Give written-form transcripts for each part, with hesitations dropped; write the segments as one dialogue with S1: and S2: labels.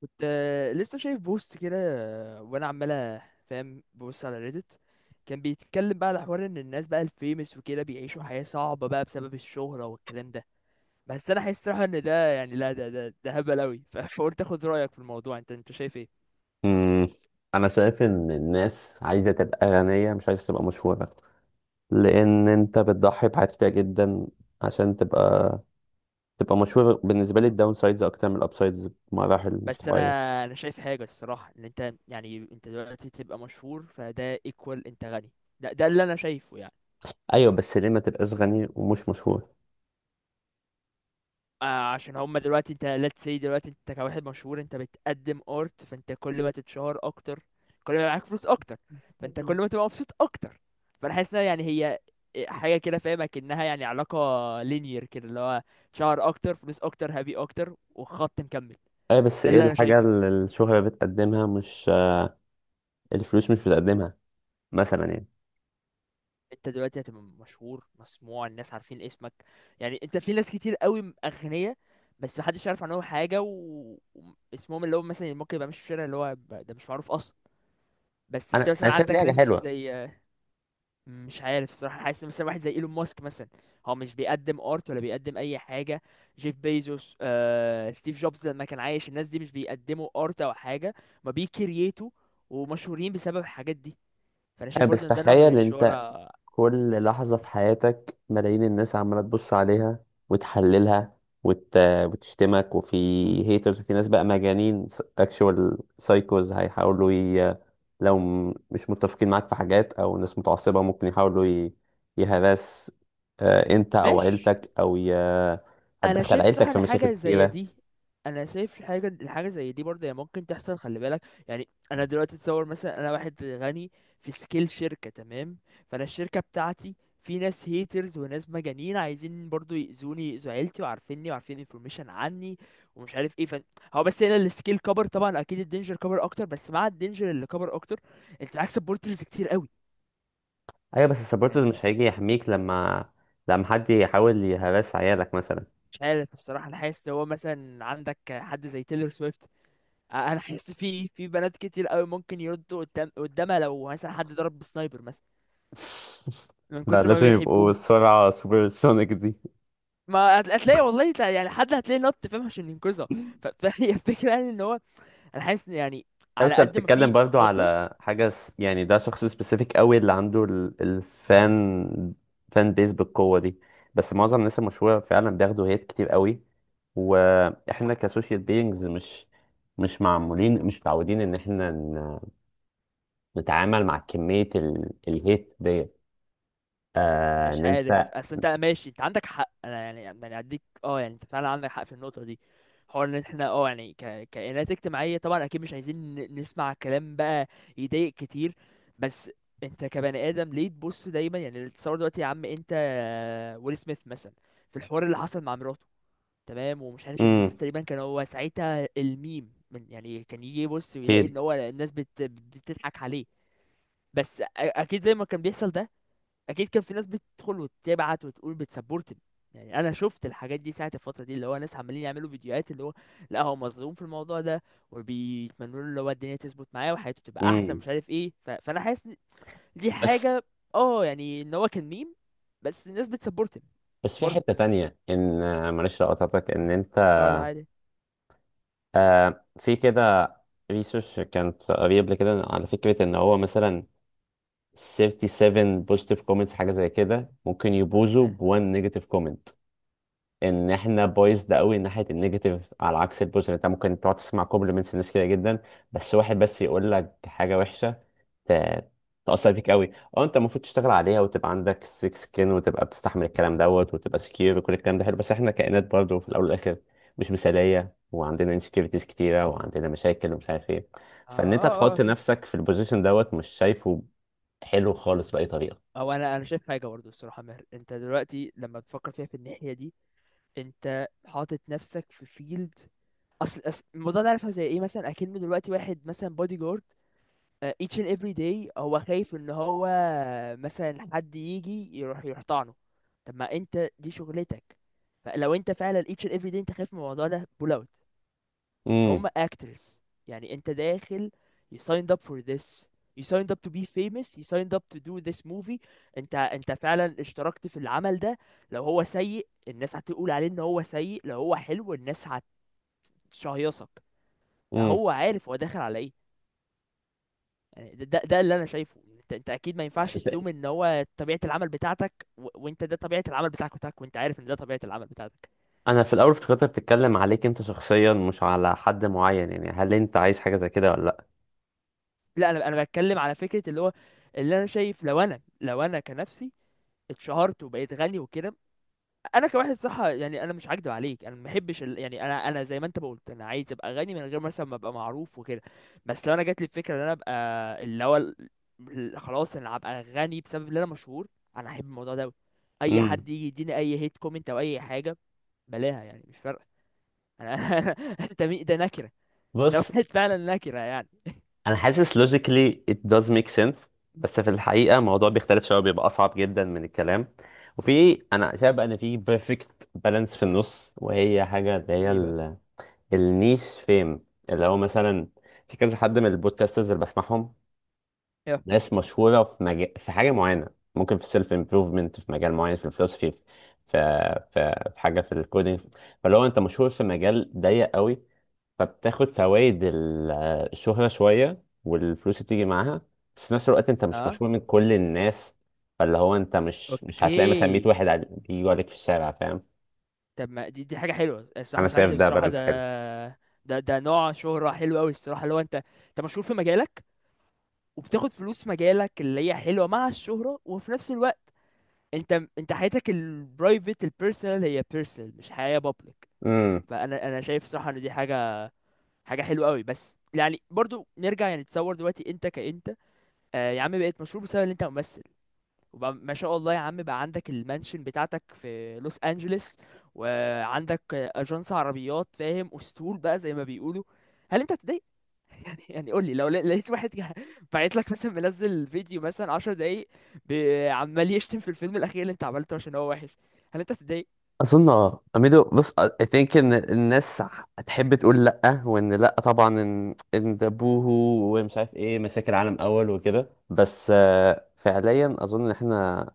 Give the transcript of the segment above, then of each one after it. S1: كنت لسه شايف بوست كده. وانا عمال فاهم ببص على ريدت. كان بيتكلم بقى على حوار ان الناس بقى الفيمس وكده بيعيشوا حياة صعبة بقى بسبب الشهرة والكلام ده. بس انا حاسس صراحة ان ده يعني لا ده هبل اوي. فقلت اخد رأيك في الموضوع، انت شايف ايه؟
S2: مم. انا شايف ان الناس عايزه تبقى غنيه، مش عايزه تبقى مشهوره، لان انت بتضحي بحاجات كتير جدا عشان تبقى مشهور. بالنسبه لي الداون سايدز اكتر من الاب سايدز بمراحل مش
S1: بس انا
S2: طبيعيه.
S1: انا شايف حاجة الصراحة، ان انت يعني انت دلوقتي تبقى مشهور فده ايكوال انت غني. ده اللي انا شايفه يعني.
S2: ايوه، بس ليه ما تبقاش غني ومش مشهور؟
S1: آه عشان هما دلوقتي انت، let's say دلوقتي انت كواحد مشهور انت بتقدم art، فانت كل ما تتشهر اكتر، كل ما يبقى معاك فلوس اكتر، فانت كل ما تبقى مبسوط اكتر. فانا حاسس انها يعني هي حاجة كده، فاهمة، كأنها يعني علاقة linear كده، اللي هو شهر اكتر، فلوس اكتر، هابي اكتر، وخط مكمل.
S2: ايوه، بس
S1: ده
S2: ايه
S1: اللي انا
S2: الحاجه
S1: شايفه.
S2: اللي الشهره بتقدمها مش الفلوس مش بتقدمها؟ مثلا يعني،
S1: انت دلوقتي هتبقى مشهور، مسموع، الناس عارفين اسمك. يعني انت في ناس كتير قوي اغنياء بس محدش يعرف عنهم حاجة واسمهم، اللي هو مثلا ممكن يبقى ماشي في الشارع اللي هو ده مش معروف اصلا. بس انت
S2: انا
S1: مثلا
S2: انا شايف دي
S1: عندك
S2: حاجه
S1: ناس
S2: حلوه.
S1: زي، مش عارف الصراحه، حاسس مثلا واحد زي ايلون ماسك مثلا، هو مش بيقدم ارت ولا بيقدم اي حاجه. جيف بيزوس، ستيف جوبز لما كان عايش، الناس دي مش بيقدموا ارت او حاجه، ما بيكرييتوا، ومشهورين بسبب الحاجات دي. فانا شايف
S2: أيوة، بس
S1: برضه ان ده نوع من
S2: تخيل انت
S1: الشهره.
S2: كل لحظة في حياتك ملايين الناس عمالة تبص عليها، وتحللها، وت... وتشتمك، وفي هيترز، وفي ناس بقى مجانين، اكشوال سايكوز لو مش متفقين معاك في حاجات، او ناس متعصبة ممكن يحاولوا يهرس انت او
S1: ماشي.
S2: عيلتك
S1: انا
S2: هتدخل
S1: شايف صح
S2: عيلتك في مشاكل
S1: لحاجه زي
S2: كتيرة.
S1: دي. انا شايف الحاجه زي دي برضه هي ممكن تحصل، خلي بالك، يعني انا دلوقتي اتصور مثلا انا واحد غني، في سكيل شركه تمام، فانا الشركه بتاعتي، في ناس هيترز وناس مجانين عايزين برضه يأذوني، يأذوا عيلتي وعارفيني وعارفين انفورميشن عني ومش عارف ايه فن. هو بس هنا السكيل كبر، طبعا اكيد الدينجر كبر اكتر، بس مع الدينجر اللي كبر اكتر انت معاك سبورترز كتير قوي.
S2: ايوه، بس السبورترز
S1: يعني
S2: مش هيجي يحميك لما حد يحاول يهرس عيالك مثلا.
S1: مش عارف الصراحه، انا حاسس إن هو مثلا عندك حد زي تيلر سويفت، انا حاسس في بنات كتير قوي ممكن يردوا قدام قدامها لو مثلا حد ضرب بالسنايبر مثلا من
S2: لا،
S1: كتر ما
S2: لازم يبقوا
S1: بيحبوها.
S2: السرعة سوبر سونيك دي.
S1: ما هتلاقي والله، يعني حد هتلاقي نط، فاهم، عشان ينقذها. فهي الفكره، يعني ان هو انا حاسس إن يعني على
S2: بس
S1: قد ما
S2: بتتكلم
S1: في
S2: برضو
S1: خطر.
S2: على حاجة يعني، ده شخص سبيسيفيك قوي اللي عنده الفان فان بيز بالقوة دي. بس معظم الناس المشهورة فعلا بياخدوا هيت كتير قوي، واحنا كسوشيال بيينجز مش معمولين، مش متعودين ان احنا نتعامل مع كمية الهيت دي.
S1: مش
S2: ان
S1: عارف،
S2: انت.
S1: اصل انت ماشي انت عندك حق، انا يعني اديك، يعني انت فعلا عندك حق في النقطه دي. حوار ان احنا يعني كائنات اجتماعيه، طبعا اكيد مش عايزين نسمع كلام بقى يضايق كتير. بس انت كبني ادم ليه تبص دايما؟ يعني تصور دلوقتي يا عم انت، ويل سميث مثلا، في الحوار اللي حصل مع مراته، تمام؟ ومش عارف ان
S2: امم
S1: تقريبا كان هو ساعتها الميم، من يعني كان يجي يبص ويلاقي ان
S2: اكيد.
S1: هو الناس بتضحك عليه. بس اكيد زي ما كان بيحصل ده، اكيد كان في ناس بتدخل وتبعت وتقول بتسبورت. يعني انا شفت الحاجات دي ساعه الفتره دي، اللي هو ناس عمالين يعملوا فيديوهات، اللي هو لا هو مظلوم في الموضوع ده، وبيتمنوا له اللي هو الدنيا تظبط معاه وحياته تبقى احسن
S2: امم
S1: مش عارف ايه. فانا حاسس إن دي
S2: بس
S1: حاجه، اه يعني ان هو كان ميم بس الناس بتسبورت.
S2: بس في
S1: برضه
S2: حتة تانية، ان معلش لو قطعتك، ان انت
S1: اه، لا عادي.
S2: في كده ريسيرش كانت قريب كده على فكرة ان هو مثلا 37 بوزيتيف كومنتس، حاجة زي كده ممكن يبوظوا
S1: اه،
S2: ب 1 نيجاتيف كومنت. ان احنا بايظ ده قوي ناحية النيجاتيف على عكس البوزيتيف. انت ممكن تقعد تسمع كومبلمنتس لناس كده جدا، بس واحد بس يقول لك حاجة وحشة ت- تأثر فيك قوي. اه، انت المفروض تشتغل عليها وتبقى عندك سيك سكين وتبقى بتستحمل الكلام دوت وتبقى سكيور وكل الكلام ده حلو، بس احنا كائنات برضه في الاول والاخر مش مثاليه، وعندنا انسكيورتيز كتيره وعندنا مشاكل ومش عارف ايه.
S1: اه،
S2: فان انت
S1: اه، آه،
S2: تحط
S1: اكيد.
S2: نفسك في البوزيشن دوت، مش شايفه حلو خالص باي طريقه.
S1: او انا شايف حاجه برضه الصراحه ماهر، انت دلوقتي لما بتفكر فيها في الناحيه دي، انت حاطط نفسك في فيلد. اصل أصل الموضوع ده عارفه زي ايه؟ مثلا اكنه دلوقتي واحد مثلا بودي جارد، each and every day هو خايف ان هو مثلا حد يجي يروح يحتضنه. طب ما انت دي شغلتك. فلو انت فعلا each and every day انت خايف من الموضوع ده، pull out. فهم
S2: امم
S1: actors، يعني انت داخل، you signed up for this، you signed up to be famous، you signed up to do this movie. انت فعلا اشتركت في العمل ده. لو هو سيء الناس هتقول عليه ان هو سيء، لو هو حلو الناس هتشهيصك. ما
S2: امم
S1: هو عارف هو داخل على ايه. يعني ده اللي انا شايفه. انت اكيد ما ينفعش تلوم، ان هو طبيعه العمل بتاعتك وانت ده طبيعه العمل بتاعك، وانت عارف ان ده طبيعه العمل بتاعتك.
S2: انا في الاول افتكرت بتتكلم عليك انت شخصيا مش على حد معين، يعني هل انت عايز حاجه زي كده ولا لا؟
S1: لا انا بتكلم على فكره، اللي هو اللي انا شايف، لو انا كنفسي اتشهرت وبقيت غني وكده. انا كواحد، صح؟ يعني انا مش هكدب عليك، انا ما بحبش يعني انا زي ما انت ما قلت، انا عايز ابقى غني من غير مثلا ما ابقى معروف وكده. بس لو انا جات لي الفكره ان انا ابقى، اللي هو خلاص انا هبقى غني بسبب ان انا مشهور، انا احب الموضوع ده أوي. اي
S2: امم
S1: حد يجي يديني اي هيت كومنت او اي حاجه، بلاها، يعني مش فارقه. انا انت مين ده؟ نكره. ده
S2: بص،
S1: واحد فعلا نكره يعني.
S2: انا حاسس logically it does make sense، بس في الحقيقه الموضوع بيختلف شويه، بيبقى اصعب جدا من الكلام. وفي، انا شايف بقى ان في perfect balance في النص، وهي حاجه اللي هي
S1: ايه بقى؟
S2: النيش فيم، اللي هو مثلا في كذا حد من البودكاسترز اللي بسمعهم،
S1: يا.
S2: ناس مشهوره في مجال، في حاجه معينه، ممكن في سيلف امبروفمنت في مجال معين، في الفلوسفي، في حاجه في الكودينج. فاللي هو انت مشهور في مجال ضيق قوي، فبتاخد فوائد الشهرة شوية والفلوس اللي بتيجي معاها. بس في نفس الوقت انت مش
S1: اه،
S2: مشهور من كل الناس، فاللي هو انت مش هتلاقي مثلا 100
S1: اوكي.
S2: واحد بيجوا عليك في الشارع، فاهم؟
S1: طب ما دي حاجة حلوة الصراحة،
S2: انا
S1: مش
S2: شايف
S1: عاجبني
S2: ده
S1: بصراحة ده.
S2: بالانس حلو.
S1: ده نوع شهرة حلو أوي الصراحة، اللي هو أنت مشهور في مجالك وبتاخد فلوس في مجالك، اللي هي حلوة مع الشهرة، وفي نفس الوقت أنت أنت حياتك البرايفت البيرسونال هي بيرسونال، مش حياة بابليك.
S2: امم
S1: فأنا شايف صراحة إن دي حاجة حلوة أوي. بس يعني برضو نرجع، يعني تصور دلوقتي أنت كأنت، يا عم بقيت مشهور بسبب إن أنت ممثل، وبقى ما شاء الله يا عم بقى عندك المانشن بتاعتك في لوس انجلوس، وعندك اجنس عربيات فاهم، اسطول بقى زي ما بيقولوا. هل انت هتضايق؟ يعني قول لي، لو لقيت واحد بعت لك مثلا منزل فيديو مثلا 10 دقايق عمال يشتم في الفيلم الاخير اللي انت عملته عشان هو وحش، هل انت هتضايق؟
S2: اظن، اه اميدو، بص I think ان الناس هتحب تقول لا، وان لا طبعا، ان ده بوهو ومش عارف ايه، مشاكل عالم اول وكده. بس فعليا اظن ان احنا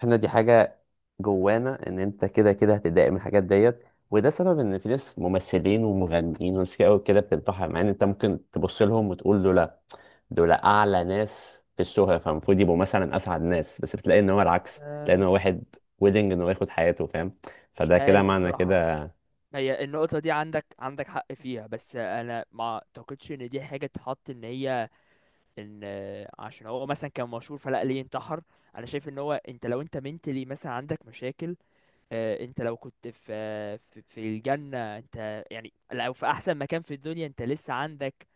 S2: احنا دي حاجة جوانا، ان انت كده كده هتتضايق من الحاجات ديت. وده سبب ان في ناس ممثلين ومغنيين وناس كده وكده بتنتحر، مع ان انت ممكن تبص لهم وتقول له لا، دول اعلى ناس في الشهرة فالمفروض يبقوا مثلا اسعد ناس، بس بتلاقي ان هو العكس، تلاقي ان
S1: آه،
S2: هو واحد ويدنج ان هو ياخد حياته، فاهم؟
S1: مش
S2: فده كده
S1: عارف
S2: معنى
S1: الصراحة.
S2: كده.
S1: هي النقطة دي عندك حق فيها، بس أنا ما أعتقدش إن دي حاجة تحط إن هي، ان عشان هو مثلا كان مشهور فلا ليه انتحر. انا شايف ان هو، انت لو انت منتلي مثلا عندك مشاكل، انت لو كنت في في الجنة، انت يعني لو في احسن مكان في الدنيا انت لسه عندك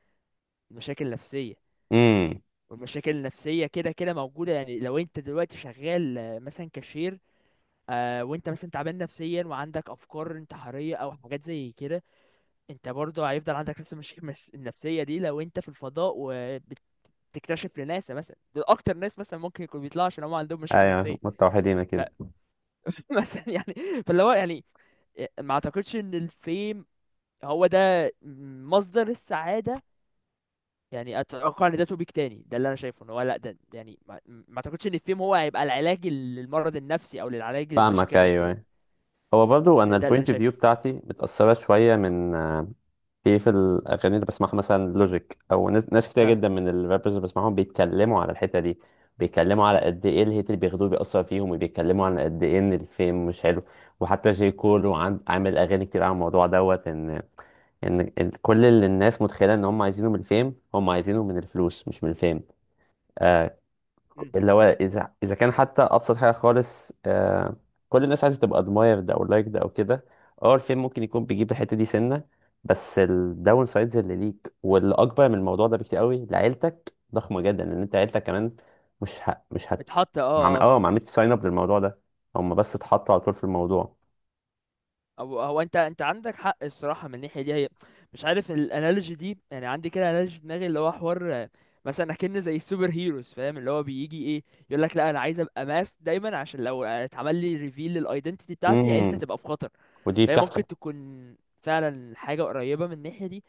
S1: مشاكل نفسية،
S2: امم
S1: والمشاكل النفسية كده كده موجودة. يعني لو انت دلوقتي شغال مثلا كاشير، وانت مثلا تعبان نفسيا وعندك افكار انتحارية او حاجات زي كده، انت برضه هيفضل عندك نفس المشاكل النفسية دي. لو انت في الفضاء تكتشف لناس مثلا، دول اكتر ناس مثلا ممكن يكون بيطلعوا عشان هم عندهم مشاكل
S2: ايوه،
S1: نفسيه.
S2: متوحدين كده.
S1: فمثلا يعني، فاللي هو يعني ما اعتقدش ان الفيم هو ده مصدر السعاده. يعني اتوقع ان ده توبيك تاني. ده اللي انا شايفه، ان هو لا، ده يعني ما اعتقدش ان الفيم هو هيبقى العلاج للمرض النفسي او للعلاج
S2: فاهمك،
S1: للمشاكل
S2: ايوه،
S1: النفسيه دي.
S2: أيوة. هو برضو
S1: يعني ده,
S2: انا
S1: ده اللي انا
S2: البوينت اوف فيو
S1: شايفه.
S2: بتاعتي متأثرة شوية من، في الاغاني اللي بسمعها مثلا لوجيك، او ناس كتير
S1: اه،
S2: جدا من الرابرز اللي بسمعهم، بيتكلموا على الحته دي، بيتكلموا على قد ايه الهيت اللي بياخدوه بيأثر فيهم، وبيتكلموا على قد ايه ان الفيم مش حلو. وحتى جي كول عامل اغاني كتير على الموضوع دوت، ان ان إن كل اللي الناس متخيله ان هم عايزينه من الفيم، هم عايزينه من الفلوس مش من الفيم.
S1: مم.
S2: اللي هو اذا كان حتى ابسط حاجه خالص، كل الناس عايزه تبقى ادمايرد او لايكد او كده. اه، الفيلم ممكن يكون بيجيب الحته دي سنه، بس الداون سايدز اللي ليك واللي اكبر من الموضوع ده بكتير قوي لعيلتك ضخمه جدا، ان انت عيلتك كمان مش ه... مش هت
S1: بتحط
S2: مع...
S1: اه.
S2: اه ما عملتش ساين اب للموضوع ده، هم بس اتحطوا على طول في الموضوع.
S1: هو انت عندك حق الصراحه من الناحيه دي، هي مش عارف الانالوجي دي، يعني عندي كده انالوجي في دماغي، اللي هو حوار، مثلا اكن زي السوبر هيروز، فاهم؟ اللي هو بيجي ايه، يقول لك لا انا عايز ابقى ماس دايما عشان لو اتعمل لي ريفيل للايدنتيتي بتاعتي عيلتي
S2: امم
S1: هتبقى في خطر.
S2: ودي
S1: فهي
S2: بتحصل.
S1: ممكن تكون فعلا حاجه قريبه من الناحيه دي.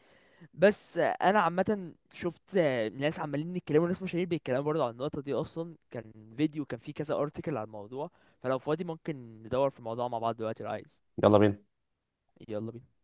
S1: بس انا عامه شفت ناس عمالين يتكلموا، ناس مشاهير بيتكلموا برضه عن النقطه دي، اصلا كان فيديو كان فيه كذا ارتكل على الموضوع. فلو فاضي ممكن ندور في الموضوع مع بعض دلوقتي لو عايز.
S2: يلا بينا.
S1: يلا بينا.